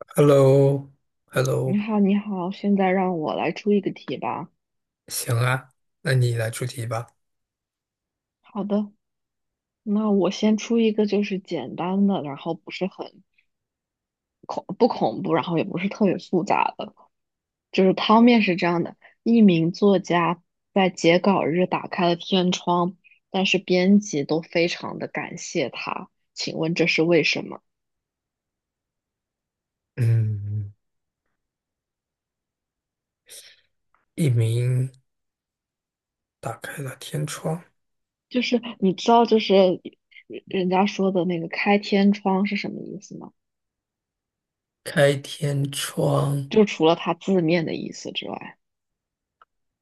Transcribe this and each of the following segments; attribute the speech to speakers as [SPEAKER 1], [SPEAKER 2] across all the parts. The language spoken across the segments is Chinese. [SPEAKER 1] h e l l o h e l l o
[SPEAKER 2] 你好，你好，现在让我来出一个题吧。
[SPEAKER 1] 行啊，那你来出题吧。
[SPEAKER 2] 好的，那我先出一个，就是简单的，然后不是很恐不恐怖，然后也不是特别复杂的。就是汤面是这样的：一名作家在截稿日打开了天窗，但是编辑都非常的感谢他。请问这是为什么？
[SPEAKER 1] 嗯，一鸣打开了天窗，
[SPEAKER 2] 就是你知道，就是人家说的那个开天窗是什么意思吗？
[SPEAKER 1] 开天窗，
[SPEAKER 2] 就除了它字面的意思之外。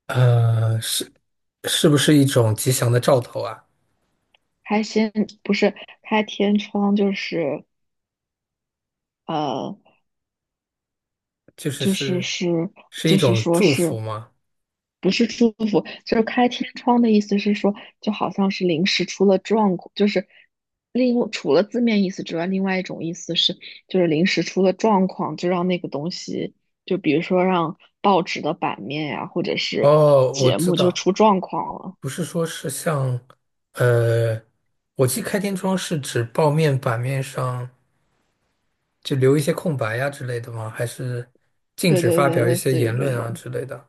[SPEAKER 1] 呃，是是不是一种吉祥的兆头啊？
[SPEAKER 2] 开先不是开天窗，就是呃，
[SPEAKER 1] 就是
[SPEAKER 2] 就是
[SPEAKER 1] 是
[SPEAKER 2] 是
[SPEAKER 1] 是一
[SPEAKER 2] 就是
[SPEAKER 1] 种
[SPEAKER 2] 说
[SPEAKER 1] 祝福
[SPEAKER 2] 是
[SPEAKER 1] 吗？
[SPEAKER 2] 不是祝福？就是开天窗的意思是说，就好像是临时出了状况，就是另除了字面意思之外，另外一种意思是，就是临时出了状况，就让那个东西，就比如说让报纸的版面呀、或者是
[SPEAKER 1] 哦，我
[SPEAKER 2] 节
[SPEAKER 1] 知
[SPEAKER 2] 目就
[SPEAKER 1] 道，
[SPEAKER 2] 出状况了。
[SPEAKER 1] 不是说是像，呃，我记开天窗是指报面版面上就留一些空白呀、之类的吗？还是禁
[SPEAKER 2] 对
[SPEAKER 1] 止
[SPEAKER 2] 对
[SPEAKER 1] 发
[SPEAKER 2] 对，
[SPEAKER 1] 表一
[SPEAKER 2] 类
[SPEAKER 1] 些
[SPEAKER 2] 似于
[SPEAKER 1] 言
[SPEAKER 2] 这
[SPEAKER 1] 论啊
[SPEAKER 2] 种，
[SPEAKER 1] 之类的？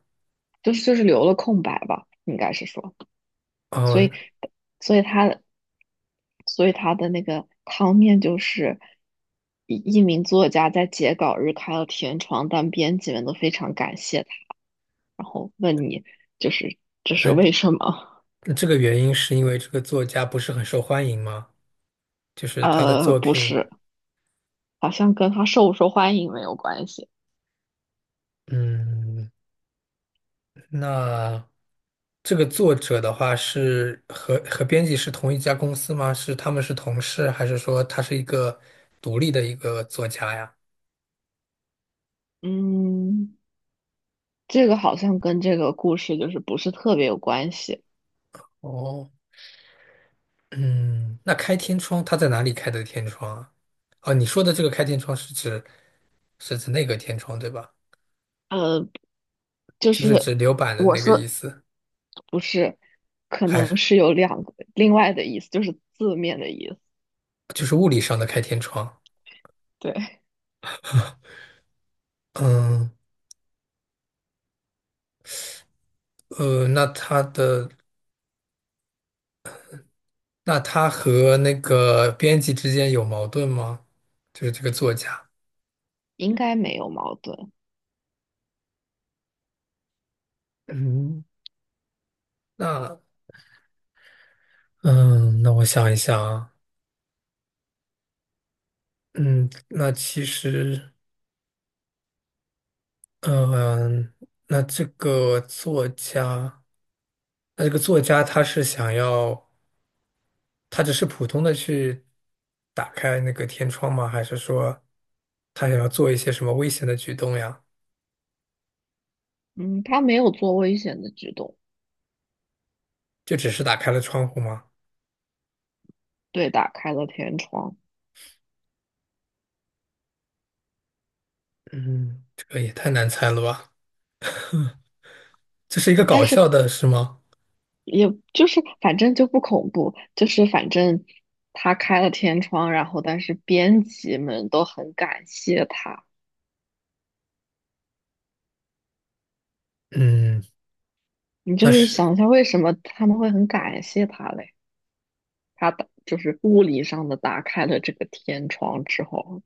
[SPEAKER 2] 就是留了空白吧，应该是说。所
[SPEAKER 1] 哦，
[SPEAKER 2] 以所以他，所以他的那个汤面就是一名作家在截稿日开了天窗，但编辑们都非常感谢他，然后问你就是这是为
[SPEAKER 1] 那
[SPEAKER 2] 什么？
[SPEAKER 1] 那这个原因是因为这个作家不是很受欢迎吗？就是他的作
[SPEAKER 2] 不
[SPEAKER 1] 品，
[SPEAKER 2] 是，好像跟他受不受欢迎没有关系。
[SPEAKER 1] 嗯，那这个作者的话是和编辑是同一家公司吗？是他们是同事，还是说他是一个独立的一个作家呀？
[SPEAKER 2] 嗯，这个好像跟这个故事就是不是特别有关系。
[SPEAKER 1] 哦，嗯，那开天窗他在哪里开的天窗啊？哦，你说的这个开天窗是指那个天窗对吧？
[SPEAKER 2] 呃，就
[SPEAKER 1] 就是
[SPEAKER 2] 是
[SPEAKER 1] 指留板的
[SPEAKER 2] 我
[SPEAKER 1] 那个意
[SPEAKER 2] 说
[SPEAKER 1] 思，
[SPEAKER 2] 不是，可
[SPEAKER 1] 还是
[SPEAKER 2] 能是有两个另外的意思，就是字面的意思。
[SPEAKER 1] 就是物理上的开天窗？
[SPEAKER 2] 对，
[SPEAKER 1] 嗯。呃，那他的那他和那个编辑之间有矛盾吗？就是这个作家。
[SPEAKER 2] 应该没有矛盾。
[SPEAKER 1] 嗯，那嗯，那我想一想啊，嗯，那其实嗯，那这个作家，他是想要，他只是普通的去打开那个天窗吗？还是说他想要做一些什么危险的举动呀？
[SPEAKER 2] 嗯，他没有做危险的举动，
[SPEAKER 1] 就只是打开了窗户吗？
[SPEAKER 2] 对，打开了天窗，
[SPEAKER 1] 嗯，这个也太难猜了吧。这是一个搞
[SPEAKER 2] 但是
[SPEAKER 1] 笑的，是吗？
[SPEAKER 2] 也就是反正就不恐怖，就是反正他开了天窗，然后但是编辑们都很感谢他。
[SPEAKER 1] 嗯，
[SPEAKER 2] 你就
[SPEAKER 1] 那
[SPEAKER 2] 是想一
[SPEAKER 1] 是
[SPEAKER 2] 下，为什么他们会很感谢他嘞？就是物理上的打开了这个天窗之后。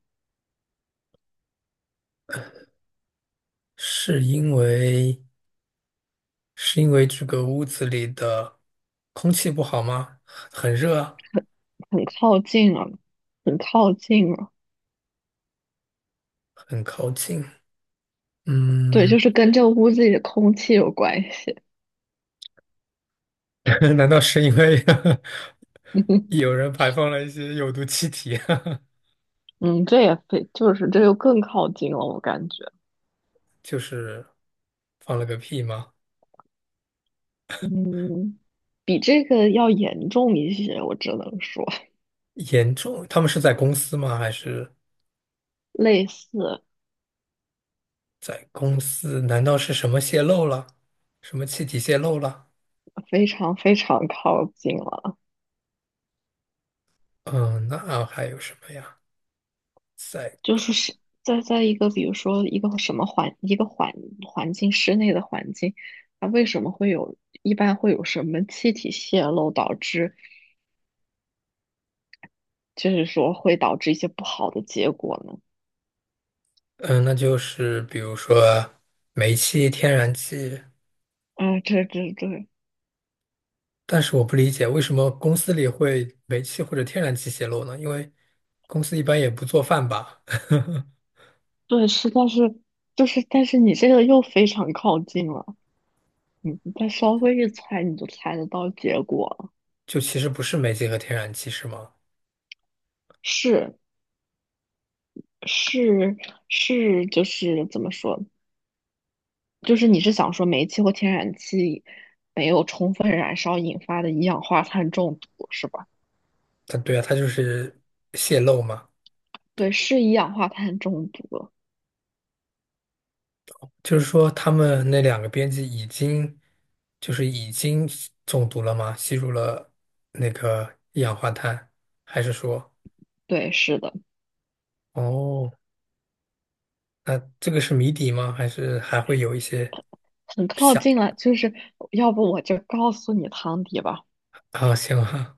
[SPEAKER 1] 是因为是因为这个屋子里的空气不好吗？很热啊，
[SPEAKER 2] 很很靠近了，很靠近了。
[SPEAKER 1] 很靠近。
[SPEAKER 2] 对，就
[SPEAKER 1] 嗯，
[SPEAKER 2] 是跟这个屋子里的空气有关系。
[SPEAKER 1] 难道是因为
[SPEAKER 2] 嗯
[SPEAKER 1] 有人排放了一些有毒气体？
[SPEAKER 2] 嗯，这也非就是这又更靠近了，我感觉，
[SPEAKER 1] 就是放了个屁吗？
[SPEAKER 2] 嗯，比这个要严重一些，我只能说
[SPEAKER 1] 严重，他们是在公司吗？还是
[SPEAKER 2] 类似，
[SPEAKER 1] 在公司？难道是什么泄漏了？什么气体泄漏了？
[SPEAKER 2] 非常非常靠近了，
[SPEAKER 1] 嗯，那还有什么呀？在。
[SPEAKER 2] 就
[SPEAKER 1] 公
[SPEAKER 2] 是是在一个比如说一个什么环一个环环境室内的环境，它为什么会有一般会有什么气体泄漏导致就是说会导致一些不好的结果呢？
[SPEAKER 1] 嗯，那就是比如说煤气、天然气，
[SPEAKER 2] 啊，这对
[SPEAKER 1] 但是我不理解为什么公司里会煤气或者天然气泄漏呢？因为公司一般也不做饭吧，
[SPEAKER 2] 对是，但是就是，但是你这个又非常靠近了，你再稍微一猜，你就猜得到结果了。
[SPEAKER 1] 就其实不是煤气和天然气是吗？
[SPEAKER 2] 是是是，就是怎么说？就是你是想说煤气或天然气没有充分燃烧引发的一氧化碳中毒是吧？
[SPEAKER 1] 它对啊，它就是泄漏嘛，
[SPEAKER 2] 对，是一氧化碳中毒。
[SPEAKER 1] 就是说他们那两个编辑已经吸中毒了吗？吸入了那个一氧化碳，还是说
[SPEAKER 2] 对，是的，
[SPEAKER 1] 哦？那这个是谜底吗？还是还会有一些
[SPEAKER 2] 很靠
[SPEAKER 1] 想
[SPEAKER 2] 近了。就是要不我就告诉你汤底吧。
[SPEAKER 1] 啊？行啊，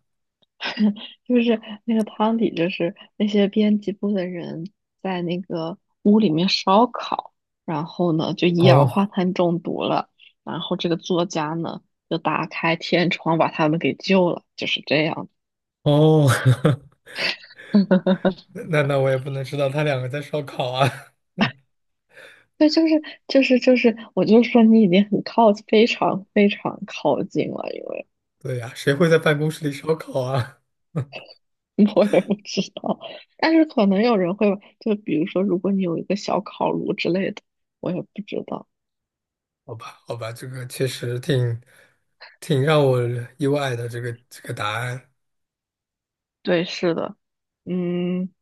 [SPEAKER 2] 就是那个汤底，就是那些编辑部的人在那个屋里面烧烤，然后呢就一氧
[SPEAKER 1] 哦
[SPEAKER 2] 化碳中毒了，然后这个作家呢就打开天窗把他们给救了，就是这样。
[SPEAKER 1] 哦，那我也不能知道他两个在烧烤啊。
[SPEAKER 2] 对，就是，我就说你已经非常非常靠近了，因为
[SPEAKER 1] 对呀，谁会在办公室里烧烤啊？
[SPEAKER 2] 我也不知道，但是可能有人会，就比如说，如果你有一个小烤炉之类的，我也不知道。
[SPEAKER 1] 好吧，好吧，这个确实挺让我意外的，这个答案。
[SPEAKER 2] 对，是的，嗯。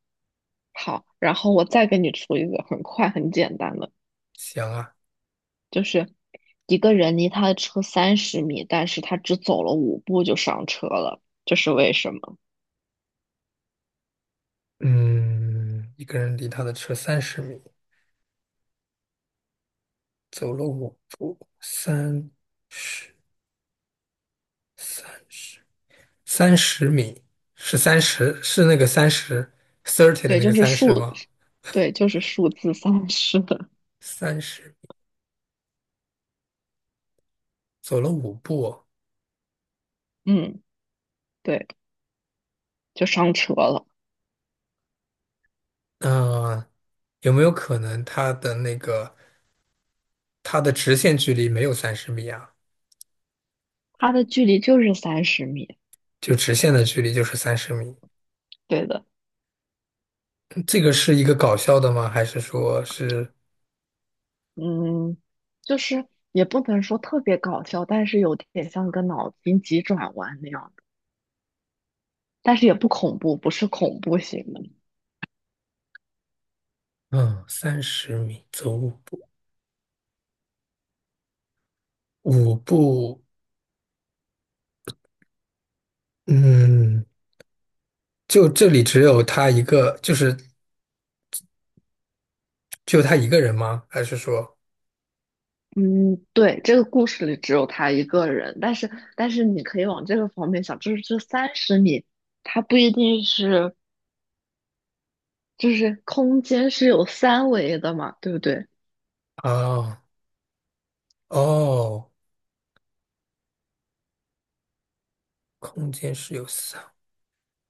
[SPEAKER 2] 好，然后我再给你出一个很快很简单的，
[SPEAKER 1] 行啊，
[SPEAKER 2] 就是一个人离他的车三十米，但是他只走了五步就上车了，这是为什么？
[SPEAKER 1] 嗯，一个人离他的车三十米，走了五步，三十三十。三十米是三十，是那个三十 thirty 的
[SPEAKER 2] 对，
[SPEAKER 1] 那个
[SPEAKER 2] 就是
[SPEAKER 1] 30
[SPEAKER 2] 数，
[SPEAKER 1] 吗？
[SPEAKER 2] 对，就是数字三十。
[SPEAKER 1] 三十走了五步，
[SPEAKER 2] 嗯，对，就上车了。
[SPEAKER 1] 嗯、有没有可能它的直线距离没有三十米啊？
[SPEAKER 2] 它的距离就是三十米，
[SPEAKER 1] 就直线的距离就是三十米，
[SPEAKER 2] 对的。
[SPEAKER 1] 这个是一个搞笑的吗？还是说是
[SPEAKER 2] 嗯，就是也不能说特别搞笑，但是有点像个脑筋急转弯那样的，但是也不恐怖，不是恐怖型的。
[SPEAKER 1] 嗯三十米走五步五步？嗯，就这里只有他一个，就是只有他一个人吗？还是说
[SPEAKER 2] 嗯，对，这个故事里只有他一个人，但是但是你可以往这个方面想，就是这三十米，它不一定是就是空间是有三维的嘛，对不对？
[SPEAKER 1] 啊哦？空间是有四，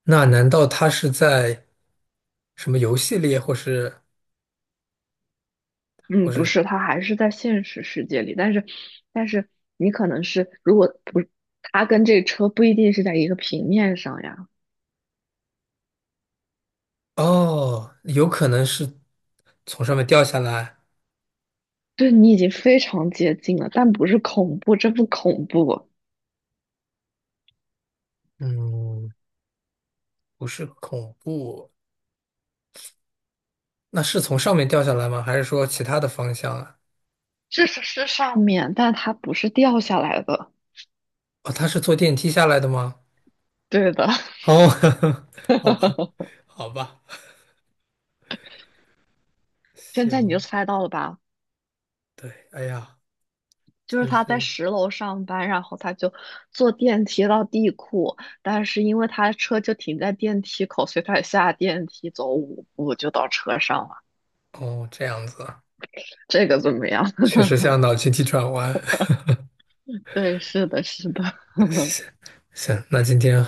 [SPEAKER 1] 那难道他是在什么游戏里，或是
[SPEAKER 2] 嗯，不是，它还是在现实世界里，但是你可能是如果不，它跟这车不一定是在一个平面上呀，
[SPEAKER 1] 哦，有可能是从上面掉下来？
[SPEAKER 2] 对你已经非常接近了，但不是恐怖，这不恐怖，
[SPEAKER 1] 嗯，不是恐怖，那是从上面掉下来吗？还是说其他的方向啊？
[SPEAKER 2] 这是上面，但它不是掉下来的，
[SPEAKER 1] 哦，他是坐电梯下来的吗？
[SPEAKER 2] 对的。
[SPEAKER 1] 哦，好吧，好吧，
[SPEAKER 2] 现在你就
[SPEAKER 1] 行，
[SPEAKER 2] 猜到了吧？
[SPEAKER 1] 对，哎呀，
[SPEAKER 2] 就是
[SPEAKER 1] 真
[SPEAKER 2] 他在
[SPEAKER 1] 是
[SPEAKER 2] 10楼上班，然后他就坐电梯到地库，但是因为他的车就停在电梯口，所以他下电梯走五步就到车上了。
[SPEAKER 1] 哦，这样子啊，
[SPEAKER 2] 这个怎么样？
[SPEAKER 1] 确 实像脑筋急转弯。
[SPEAKER 2] 对，是的，是的，
[SPEAKER 1] 行，那今天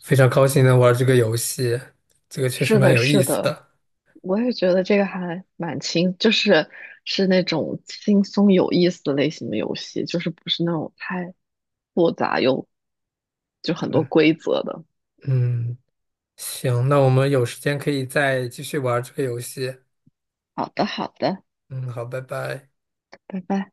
[SPEAKER 1] 非常高兴能玩这个游戏，这个确实
[SPEAKER 2] 是
[SPEAKER 1] 蛮
[SPEAKER 2] 的，
[SPEAKER 1] 有意
[SPEAKER 2] 是
[SPEAKER 1] 思
[SPEAKER 2] 的，
[SPEAKER 1] 的。
[SPEAKER 2] 我也觉得这个还蛮轻，是那种轻松有意思类型的游戏，就是不是那种太复杂又就很多规则的。
[SPEAKER 1] 嗯，行，那我们有时间可以再继续玩这个游戏。
[SPEAKER 2] 好的，好的，
[SPEAKER 1] 嗯，好，拜拜。
[SPEAKER 2] 拜拜。